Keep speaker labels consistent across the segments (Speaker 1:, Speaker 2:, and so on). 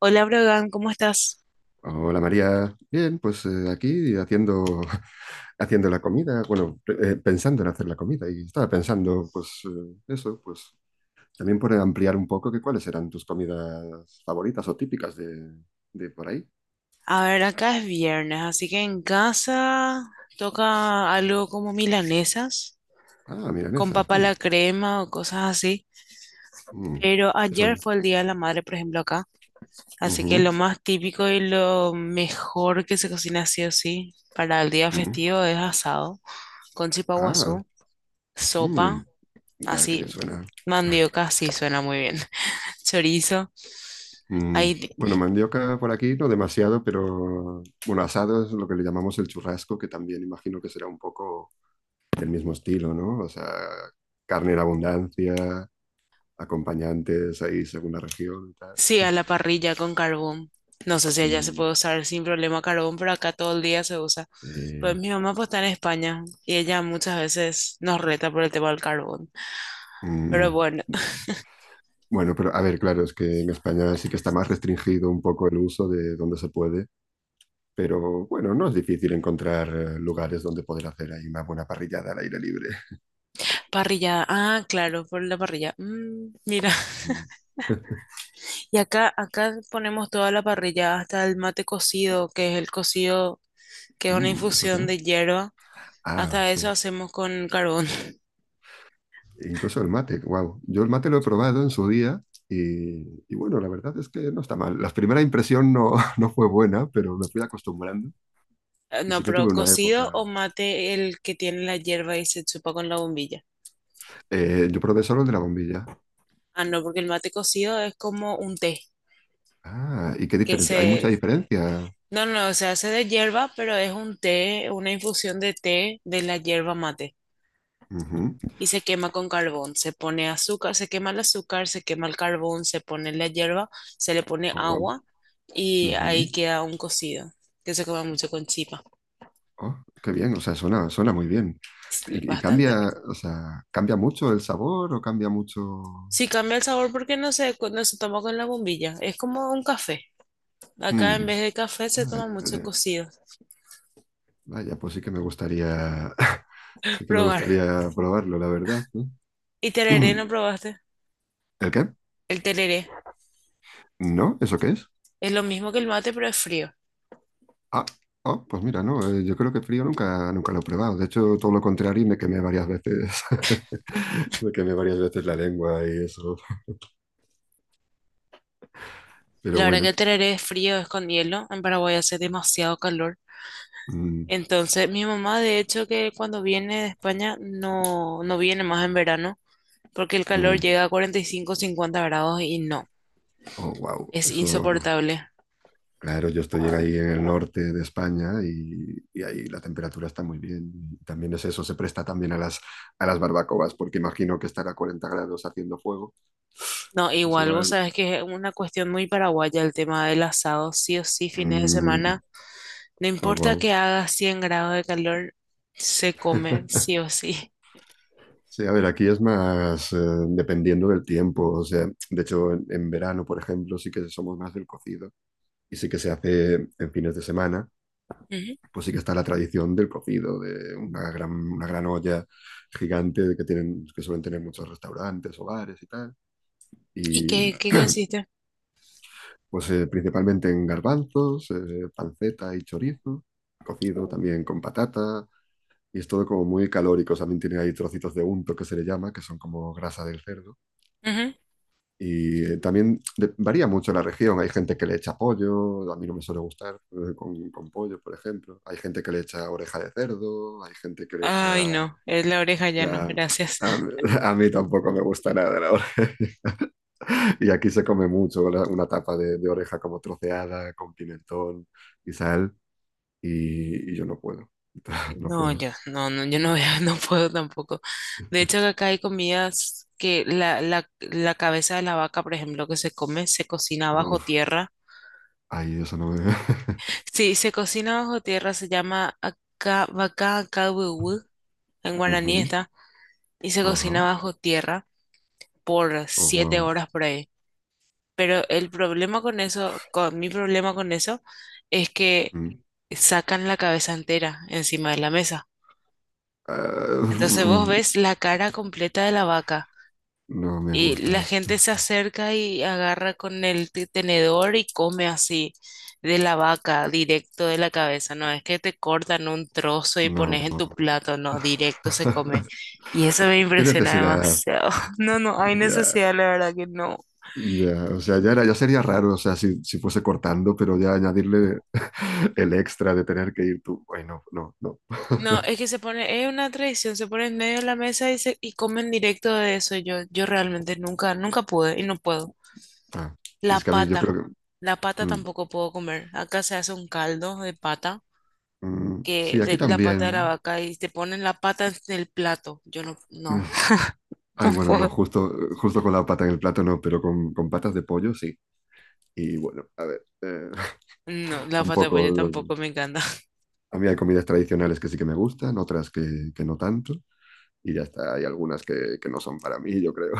Speaker 1: Hola, Brogan, ¿cómo estás?
Speaker 2: Hola María, bien, pues aquí haciendo, haciendo la comida, bueno, pensando en hacer la comida y estaba pensando, pues eso, pues también por ampliar un poco que cuáles eran tus comidas favoritas o típicas de por ahí.
Speaker 1: A ver, acá es viernes, así que en casa toca algo como milanesas,
Speaker 2: Ah,
Speaker 1: con
Speaker 2: milanesa.
Speaker 1: papa a la crema o cosas así.
Speaker 2: Mm,
Speaker 1: Pero
Speaker 2: eso
Speaker 1: ayer
Speaker 2: es.
Speaker 1: fue el Día de la Madre, por ejemplo, acá. Así que
Speaker 2: Ujú,
Speaker 1: lo más típico y lo mejor que se cocina sí o sí para el día
Speaker 2: mm.
Speaker 1: festivo es asado, con
Speaker 2: Ah,
Speaker 1: chipaguazú,
Speaker 2: mm,
Speaker 1: sopa,
Speaker 2: ya que
Speaker 1: así,
Speaker 2: bien suena.
Speaker 1: mandioca, sí suena muy bien, chorizo.
Speaker 2: Mm,
Speaker 1: Hay
Speaker 2: bueno, mandioca por aquí no demasiado, pero bueno, asado es lo que le llamamos el churrasco, que también imagino que será un poco del mismo estilo, ¿no? O sea, carne en abundancia, acompañantes ahí según la región y tal.
Speaker 1: sí, a la parrilla con carbón. No sé si allá se
Speaker 2: Mm,
Speaker 1: puede usar sin problema carbón, pero acá todo el día se usa. Pues
Speaker 2: eh,
Speaker 1: mi mamá pues está en España y ella muchas veces nos reta por el tema del carbón. Pero
Speaker 2: mm,
Speaker 1: bueno,
Speaker 2: bueno, pero a ver, claro, es que en España sí que está más restringido un poco el uso de donde se puede, pero bueno, no es difícil encontrar lugares donde poder hacer ahí una buena parrillada al aire libre.
Speaker 1: parrillada. Ah, claro, por la parrilla. Mm, mira,
Speaker 2: Mm.
Speaker 1: y acá ponemos toda la parrilla, hasta el mate cocido, que es el cocido, que es una
Speaker 2: Mm, ¿eso qué
Speaker 1: infusión
Speaker 2: es?
Speaker 1: de hierba.
Speaker 2: Ah,
Speaker 1: Hasta eso
Speaker 2: sí.
Speaker 1: hacemos con carbón.
Speaker 2: Incluso el mate, wow. Yo el mate lo he probado en su día y, y bueno, la verdad es que no está mal. La primera impresión no, no fue buena, pero me fui acostumbrando y
Speaker 1: No,
Speaker 2: sí que
Speaker 1: pero
Speaker 2: tuve una
Speaker 1: cocido
Speaker 2: época.
Speaker 1: o mate el que tiene la hierba y se chupa con la bombilla.
Speaker 2: Yo probé solo el de la bombilla.
Speaker 1: Ah, no, porque el mate cocido es como un té,
Speaker 2: Ah, ¿y qué
Speaker 1: que
Speaker 2: diferencia? Hay mucha
Speaker 1: se...
Speaker 2: diferencia.
Speaker 1: No, no, no, se hace de hierba, pero es un té, una infusión de té de la hierba mate.
Speaker 2: Ujú.
Speaker 1: Y se quema con carbón. Se pone azúcar, se quema el azúcar, se quema el carbón, se pone la hierba, se le pone
Speaker 2: Oh, wow.
Speaker 1: agua y ahí
Speaker 2: Ujú.
Speaker 1: queda un cocido, que se come mucho con chipa.
Speaker 2: Oh, qué bien, o sea, suena muy bien.
Speaker 1: Es
Speaker 2: Y
Speaker 1: bastante
Speaker 2: cambia,
Speaker 1: rico.
Speaker 2: o sea, ¿cambia mucho el sabor o cambia mucho?
Speaker 1: Sí, cambia el sabor porque no se toma con la bombilla. Es como un café. Acá en
Speaker 2: Hmm,
Speaker 1: vez de café se toma mucho
Speaker 2: vale.
Speaker 1: cocido.
Speaker 2: Vaya, pues sí que me gustaría, sí que me
Speaker 1: Probar.
Speaker 2: gustaría probarlo, la verdad, ¿no?
Speaker 1: ¿Y tereré no probaste?
Speaker 2: ¿El qué?
Speaker 1: El tereré
Speaker 2: ¿No? ¿Eso qué es?
Speaker 1: es lo mismo que el mate, pero es frío.
Speaker 2: Ah, oh, pues mira, no, yo creo que frío nunca, nunca lo he probado. De hecho, todo lo contrario, me quemé varias veces, me quemé varias veces la lengua y eso. Pero
Speaker 1: La verdad que
Speaker 2: bueno,
Speaker 1: el tereré es frío, es con hielo. En Paraguay hace demasiado calor.
Speaker 2: mm,
Speaker 1: Entonces, mi mamá, de hecho, que cuando viene de España no, no viene más en verano, porque el calor
Speaker 2: mm,
Speaker 1: llega a 45, 50 grados y no,
Speaker 2: oh, wow,
Speaker 1: es
Speaker 2: eso.
Speaker 1: insoportable.
Speaker 2: Claro, yo estoy ahí en el norte de España y ahí la temperatura está muy bien. Y también es eso, se presta también a a las barbacoas, porque imagino que estar a 40 grados haciendo fuego.
Speaker 1: No,
Speaker 2: Pues
Speaker 1: igual, vos
Speaker 2: igual.
Speaker 1: sabes que es una cuestión muy paraguaya el tema del asado, sí o sí, fines de semana.
Speaker 2: Mm,
Speaker 1: No
Speaker 2: oh,
Speaker 1: importa
Speaker 2: guau.
Speaker 1: que haga 100 grados de calor, se come, sí o sí.
Speaker 2: Sí, a ver, aquí es más dependiendo del tiempo. O sea, de hecho, en verano, por ejemplo, sí que somos más del cocido y sí que se hace en fines de semana.
Speaker 1: Ujú.
Speaker 2: Pues sí que está la tradición del cocido, de una una gran olla gigante que que suelen tener muchos restaurantes, hogares y tal.
Speaker 1: ¿Y qué,
Speaker 2: Y
Speaker 1: qué consiste?
Speaker 2: pues principalmente en garbanzos, panceta y chorizo, cocido también con patata, y es todo como muy calórico. También tiene ahí trocitos de unto que se le llama, que son como grasa del cerdo. Y varía mucho la región. Hay gente que le echa pollo, a mí no me suele gustar con pollo, por ejemplo. Hay gente que le echa oreja de cerdo, hay gente que le
Speaker 1: Ay,
Speaker 2: echa.
Speaker 1: no, es la oreja ya no,
Speaker 2: Ya,
Speaker 1: gracias.
Speaker 2: mí a mí tampoco me gusta nada la oreja. Y aquí se come mucho una tapa de oreja como troceada, con pimentón y sal, y yo no puedo. No
Speaker 1: No,
Speaker 2: puedo.
Speaker 1: yo no veo, no puedo tampoco. De hecho, acá hay comidas que la cabeza de la vaca, por ejemplo, que se come, se cocina bajo
Speaker 2: Uf,
Speaker 1: tierra.
Speaker 2: ahí eso no me...
Speaker 1: Sí, se cocina bajo tierra, se llama acá, vaca kawiwi, en guaraní
Speaker 2: Ujú,
Speaker 1: está, y se
Speaker 2: ajá,
Speaker 1: cocina bajo tierra por
Speaker 2: oh,
Speaker 1: siete
Speaker 2: wow.
Speaker 1: horas por ahí. Pero el problema con eso, con mi problema con eso, es que
Speaker 2: Mm.
Speaker 1: sacan la cabeza entera encima de la mesa.
Speaker 2: Ah,
Speaker 1: Entonces
Speaker 2: mm,
Speaker 1: vos ves la cara completa de la vaca
Speaker 2: no me
Speaker 1: y la
Speaker 2: gusta.
Speaker 1: gente se acerca y agarra con el tenedor y come así de la vaca, directo de la cabeza. No es que te cortan un trozo y
Speaker 2: No,
Speaker 1: pones en
Speaker 2: no.
Speaker 1: tu plato, no, directo se come. Y eso me
Speaker 2: ¿Qué
Speaker 1: impresiona
Speaker 2: necesidad?
Speaker 1: demasiado. No, no, hay
Speaker 2: Ya,
Speaker 1: necesidad, la verdad que no.
Speaker 2: ya, o sea, ya era, ya sería raro, o sea, si fuese cortando, pero ya añadirle el extra de tener que ir tú. Ay, no, no, no.
Speaker 1: No, es que se pone, es una tradición, se pone en medio de la mesa y comen directo de eso. Yo realmente nunca, nunca pude y no puedo.
Speaker 2: Ah,
Speaker 1: La
Speaker 2: es que a mí yo
Speaker 1: pata,
Speaker 2: creo que.
Speaker 1: la pata
Speaker 2: Mm,
Speaker 1: tampoco puedo comer. Acá se hace un caldo de pata,
Speaker 2: mm,
Speaker 1: que
Speaker 2: sí, aquí
Speaker 1: de la pata de la
Speaker 2: también.
Speaker 1: vaca y te ponen la pata en el plato. Yo no, no,
Speaker 2: Mm. Ay,
Speaker 1: no
Speaker 2: bueno, no,
Speaker 1: puedo.
Speaker 2: justo, justo con la pata en el plato no, pero con patas de pollo sí. Y bueno, a ver, eh.
Speaker 1: No, la pata de pollo
Speaker 2: Tampoco, no.
Speaker 1: tampoco me encanta.
Speaker 2: A mí hay comidas tradicionales que sí que me gustan, otras que no tanto, y ya está. Hay algunas que no son para mí, yo creo.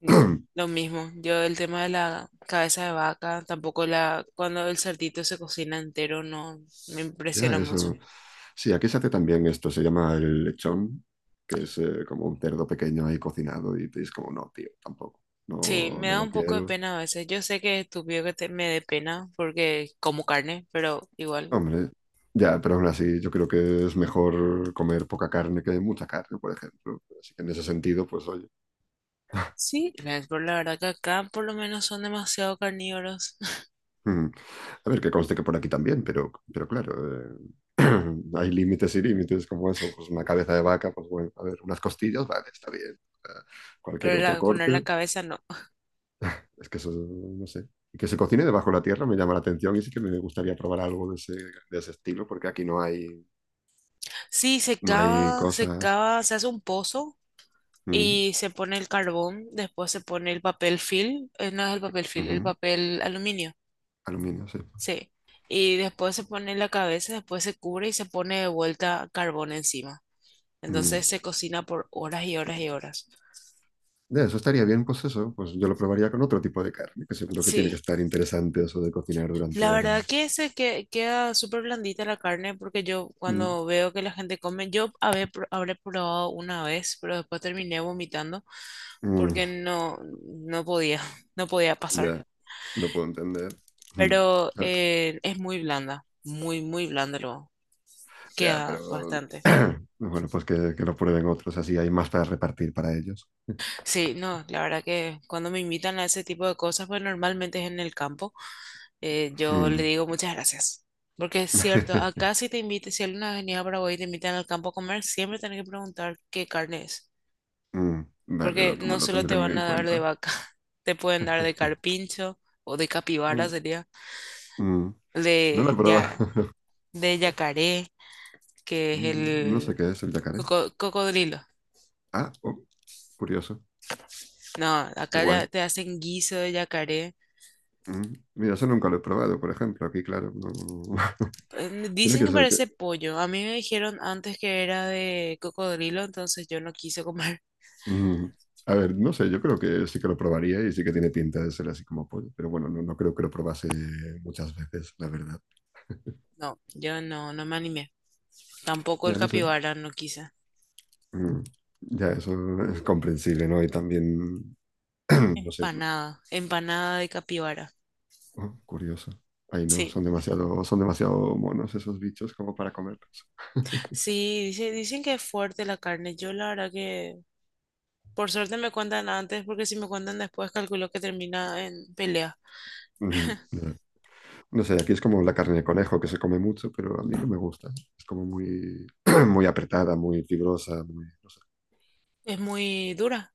Speaker 1: Mm. Lo mismo, yo el tema de la cabeza de vaca, tampoco la, cuando el cerdito se cocina entero, no, me
Speaker 2: Ya,
Speaker 1: impresiona
Speaker 2: eso.
Speaker 1: mucho.
Speaker 2: Sí, aquí se hace también esto, se llama el lechón, que es como un cerdo pequeño ahí cocinado y te dices como, no, tío, tampoco,
Speaker 1: Sí,
Speaker 2: no,
Speaker 1: me
Speaker 2: no
Speaker 1: da
Speaker 2: lo
Speaker 1: un poco de
Speaker 2: quiero.
Speaker 1: pena a veces. Yo sé que es estúpido que me dé pena porque como carne, pero igual.
Speaker 2: Hombre, ya, pero aún así yo creo que es mejor comer poca carne que mucha carne, por ejemplo. Así que en ese sentido, pues oye,
Speaker 1: Sí, gracias por la verdad que acá por lo menos son demasiado carnívoros,
Speaker 2: mm, a ver, que conste que por aquí también, pero claro, eh, hay límites y límites como eso, pues una cabeza de vaca, pues bueno, a ver, unas costillas, vale, está bien. Eh, Cualquier
Speaker 1: pero
Speaker 2: otro
Speaker 1: la- poner la
Speaker 2: corte.
Speaker 1: cabeza no.
Speaker 2: Es que eso, no sé. Y que se cocine debajo de la tierra me llama la atención y sí que me gustaría probar algo de ese estilo, porque aquí no hay,
Speaker 1: Sí, se
Speaker 2: no hay
Speaker 1: cava, se
Speaker 2: cosas.
Speaker 1: cava, se hace un pozo
Speaker 2: Mm,
Speaker 1: y se pone el carbón, después se pone el papel film, no es el papel film, el
Speaker 2: ujú.
Speaker 1: papel aluminio,
Speaker 2: Aluminio, sí.
Speaker 1: sí. Y después se pone la cabeza, después se cubre y se pone de vuelta carbón encima.
Speaker 2: Mm.
Speaker 1: Entonces se cocina por horas y horas y horas.
Speaker 2: De eso estaría bien, pues eso, pues yo lo probaría con otro tipo de carne, que seguro que tiene
Speaker 1: Sí,
Speaker 2: que estar interesante eso de cocinar durante
Speaker 1: la verdad
Speaker 2: horas.
Speaker 1: que se queda súper blandita la carne porque yo
Speaker 2: Mm,
Speaker 1: cuando veo que la gente come, yo habré probado una vez, pero después terminé vomitando
Speaker 2: mm,
Speaker 1: porque no podía, no podía pasar.
Speaker 2: Ya, lo puedo entender. Mm.
Speaker 1: Pero
Speaker 2: Ah,
Speaker 1: es muy blanda, muy, muy blanda lo
Speaker 2: ya,
Speaker 1: queda
Speaker 2: pero
Speaker 1: bastante.
Speaker 2: bueno, pues que lo prueben otros, así hay más para repartir para ellos.
Speaker 1: Sí, no, la verdad que cuando me invitan a ese tipo de cosas, pues normalmente es en el campo. Eh, yo le
Speaker 2: Mm.
Speaker 1: digo muchas gracias. Porque es cierto, acá si te invitan, si alguna avenida a Paraguay y te invitan al campo a comer, siempre tenés que preguntar qué carne es.
Speaker 2: Mm, dale,
Speaker 1: Porque no
Speaker 2: lo
Speaker 1: solo te
Speaker 2: tendré muy
Speaker 1: van
Speaker 2: en
Speaker 1: a dar de
Speaker 2: cuenta.
Speaker 1: vaca, te pueden dar de carpincho o de capibara
Speaker 2: Mm.
Speaker 1: sería,
Speaker 2: Mm, no
Speaker 1: de,
Speaker 2: la prueba.
Speaker 1: ya, de yacaré, que es
Speaker 2: Mm, no sé
Speaker 1: el
Speaker 2: qué es el yacaré.
Speaker 1: cocodrilo.
Speaker 2: Ah, oh, curioso.
Speaker 1: No,
Speaker 2: Qué
Speaker 1: acá ya
Speaker 2: guay.
Speaker 1: te hacen guiso de yacaré.
Speaker 2: Mm, mira, eso nunca lo he probado, por ejemplo. Aquí, claro, no... Tiene
Speaker 1: Dicen
Speaker 2: que
Speaker 1: que
Speaker 2: ser que...
Speaker 1: parece pollo. A mí me dijeron antes que era de cocodrilo, entonces yo no quise comer.
Speaker 2: Mm, a ver, no sé, yo creo que sí que lo probaría y sí que tiene pinta de ser así como pollo. Pero bueno, no, no creo que lo probase muchas veces, la verdad.
Speaker 1: No, yo no me animé. Tampoco
Speaker 2: Ya,
Speaker 1: el
Speaker 2: no sé.
Speaker 1: capibara, no quise.
Speaker 2: Mm, ya, eso es comprensible, ¿no? Y también... no sé.
Speaker 1: Empanada, empanada de capibara.
Speaker 2: Oh, curioso. Ay, no,
Speaker 1: Sí,
Speaker 2: son demasiado monos esos bichos como para comerlos.
Speaker 1: sí, dicen que es fuerte la carne. Yo la verdad que por suerte me cuentan antes, porque si me cuentan después, calculo que termina en pelea.
Speaker 2: Ujú, ya. No sé, aquí es como la carne de conejo que se come mucho, pero a mí no me gusta. Es como muy, muy apretada, muy fibrosa, muy, no sé.
Speaker 1: Es muy dura,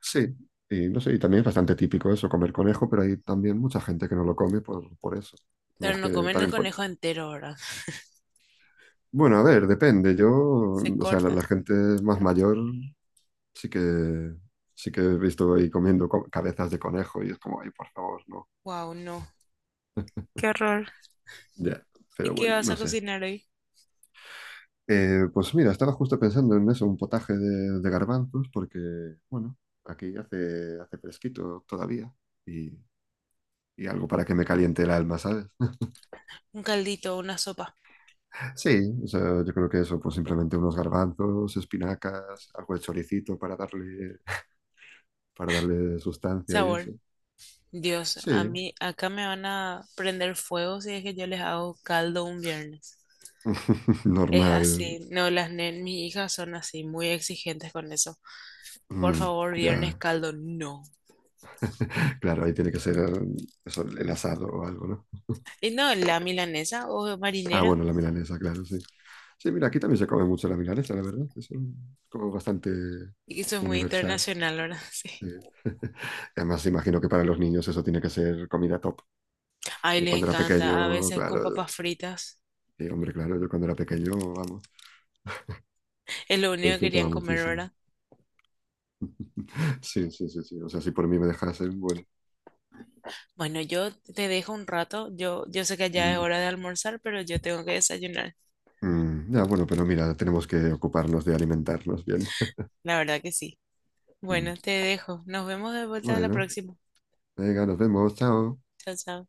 Speaker 2: Sí, y no sé, y también es bastante típico eso, comer conejo, pero hay también mucha gente que no lo come por eso.
Speaker 1: pero
Speaker 2: Más
Speaker 1: no
Speaker 2: que
Speaker 1: comen el
Speaker 2: también por...
Speaker 1: conejo entero ahora.
Speaker 2: Bueno, a ver, depende. Yo,
Speaker 1: Se
Speaker 2: o sea,
Speaker 1: corta.
Speaker 2: la gente más mayor sí que, sí que he visto ahí comiendo cabezas de conejo y es como, ay, por favor, no.
Speaker 1: Wow, no. Qué horror.
Speaker 2: Ya,
Speaker 1: ¿Y
Speaker 2: pero
Speaker 1: qué
Speaker 2: bueno,
Speaker 1: vas a
Speaker 2: no sé.
Speaker 1: cocinar hoy?
Speaker 2: Pues mira, estaba justo pensando en eso, un potaje de garbanzos, porque, bueno, aquí hace, hace fresquito todavía y, y algo para que me caliente el alma, ¿sabes?
Speaker 1: Un caldito, una sopa.
Speaker 2: Sí, o sea, yo creo que eso, pues simplemente unos garbanzos, espinacas, algo de choricito para darle sustancia y
Speaker 1: Sabor.
Speaker 2: eso.
Speaker 1: Dios, a
Speaker 2: Sí,
Speaker 1: mí acá me van a prender fuego si es que yo les hago caldo un viernes. Es
Speaker 2: normal.
Speaker 1: así, no, las nen, mis hijas son así, muy exigentes con eso. Por
Speaker 2: Mm,
Speaker 1: favor,
Speaker 2: ya,
Speaker 1: viernes caldo, no.
Speaker 2: claro, ahí tiene que ser eso, el asado o algo, ¿no?
Speaker 1: Y no, la milanesa o
Speaker 2: Ah,
Speaker 1: marinera,
Speaker 2: bueno, la milanesa, claro, sí. Sí, mira, aquí también se come mucho la milanesa, la verdad. Es como bastante
Speaker 1: y eso es muy
Speaker 2: universal.
Speaker 1: internacional, ¿verdad? Sí.
Speaker 2: Eh. Además, imagino que para los niños eso tiene que ser comida top.
Speaker 1: Ay,
Speaker 2: Yo
Speaker 1: les
Speaker 2: cuando era
Speaker 1: encanta, a
Speaker 2: pequeño,
Speaker 1: veces con
Speaker 2: claro, yo-
Speaker 1: papas fritas,
Speaker 2: sí, hombre, claro, yo cuando era pequeño, vamos,
Speaker 1: es lo
Speaker 2: lo
Speaker 1: único que querían
Speaker 2: disfrutaba
Speaker 1: comer,
Speaker 2: muchísimo.
Speaker 1: ¿verdad?
Speaker 2: Sí, sí, sí, sí. O sea, si por mí me dejasen, bueno.
Speaker 1: Bueno, yo te dejo un rato, yo sé que ya es
Speaker 2: Mm,
Speaker 1: hora de almorzar, pero yo tengo que desayunar,
Speaker 2: ya, bueno, pero mira, tenemos que ocuparnos de alimentarnos bien.
Speaker 1: la verdad que sí.
Speaker 2: Mm.
Speaker 1: Bueno, te dejo, nos vemos de vuelta a la
Speaker 2: Bueno,
Speaker 1: próxima.
Speaker 2: venga, nos vemos, chao.
Speaker 1: Chao, chao.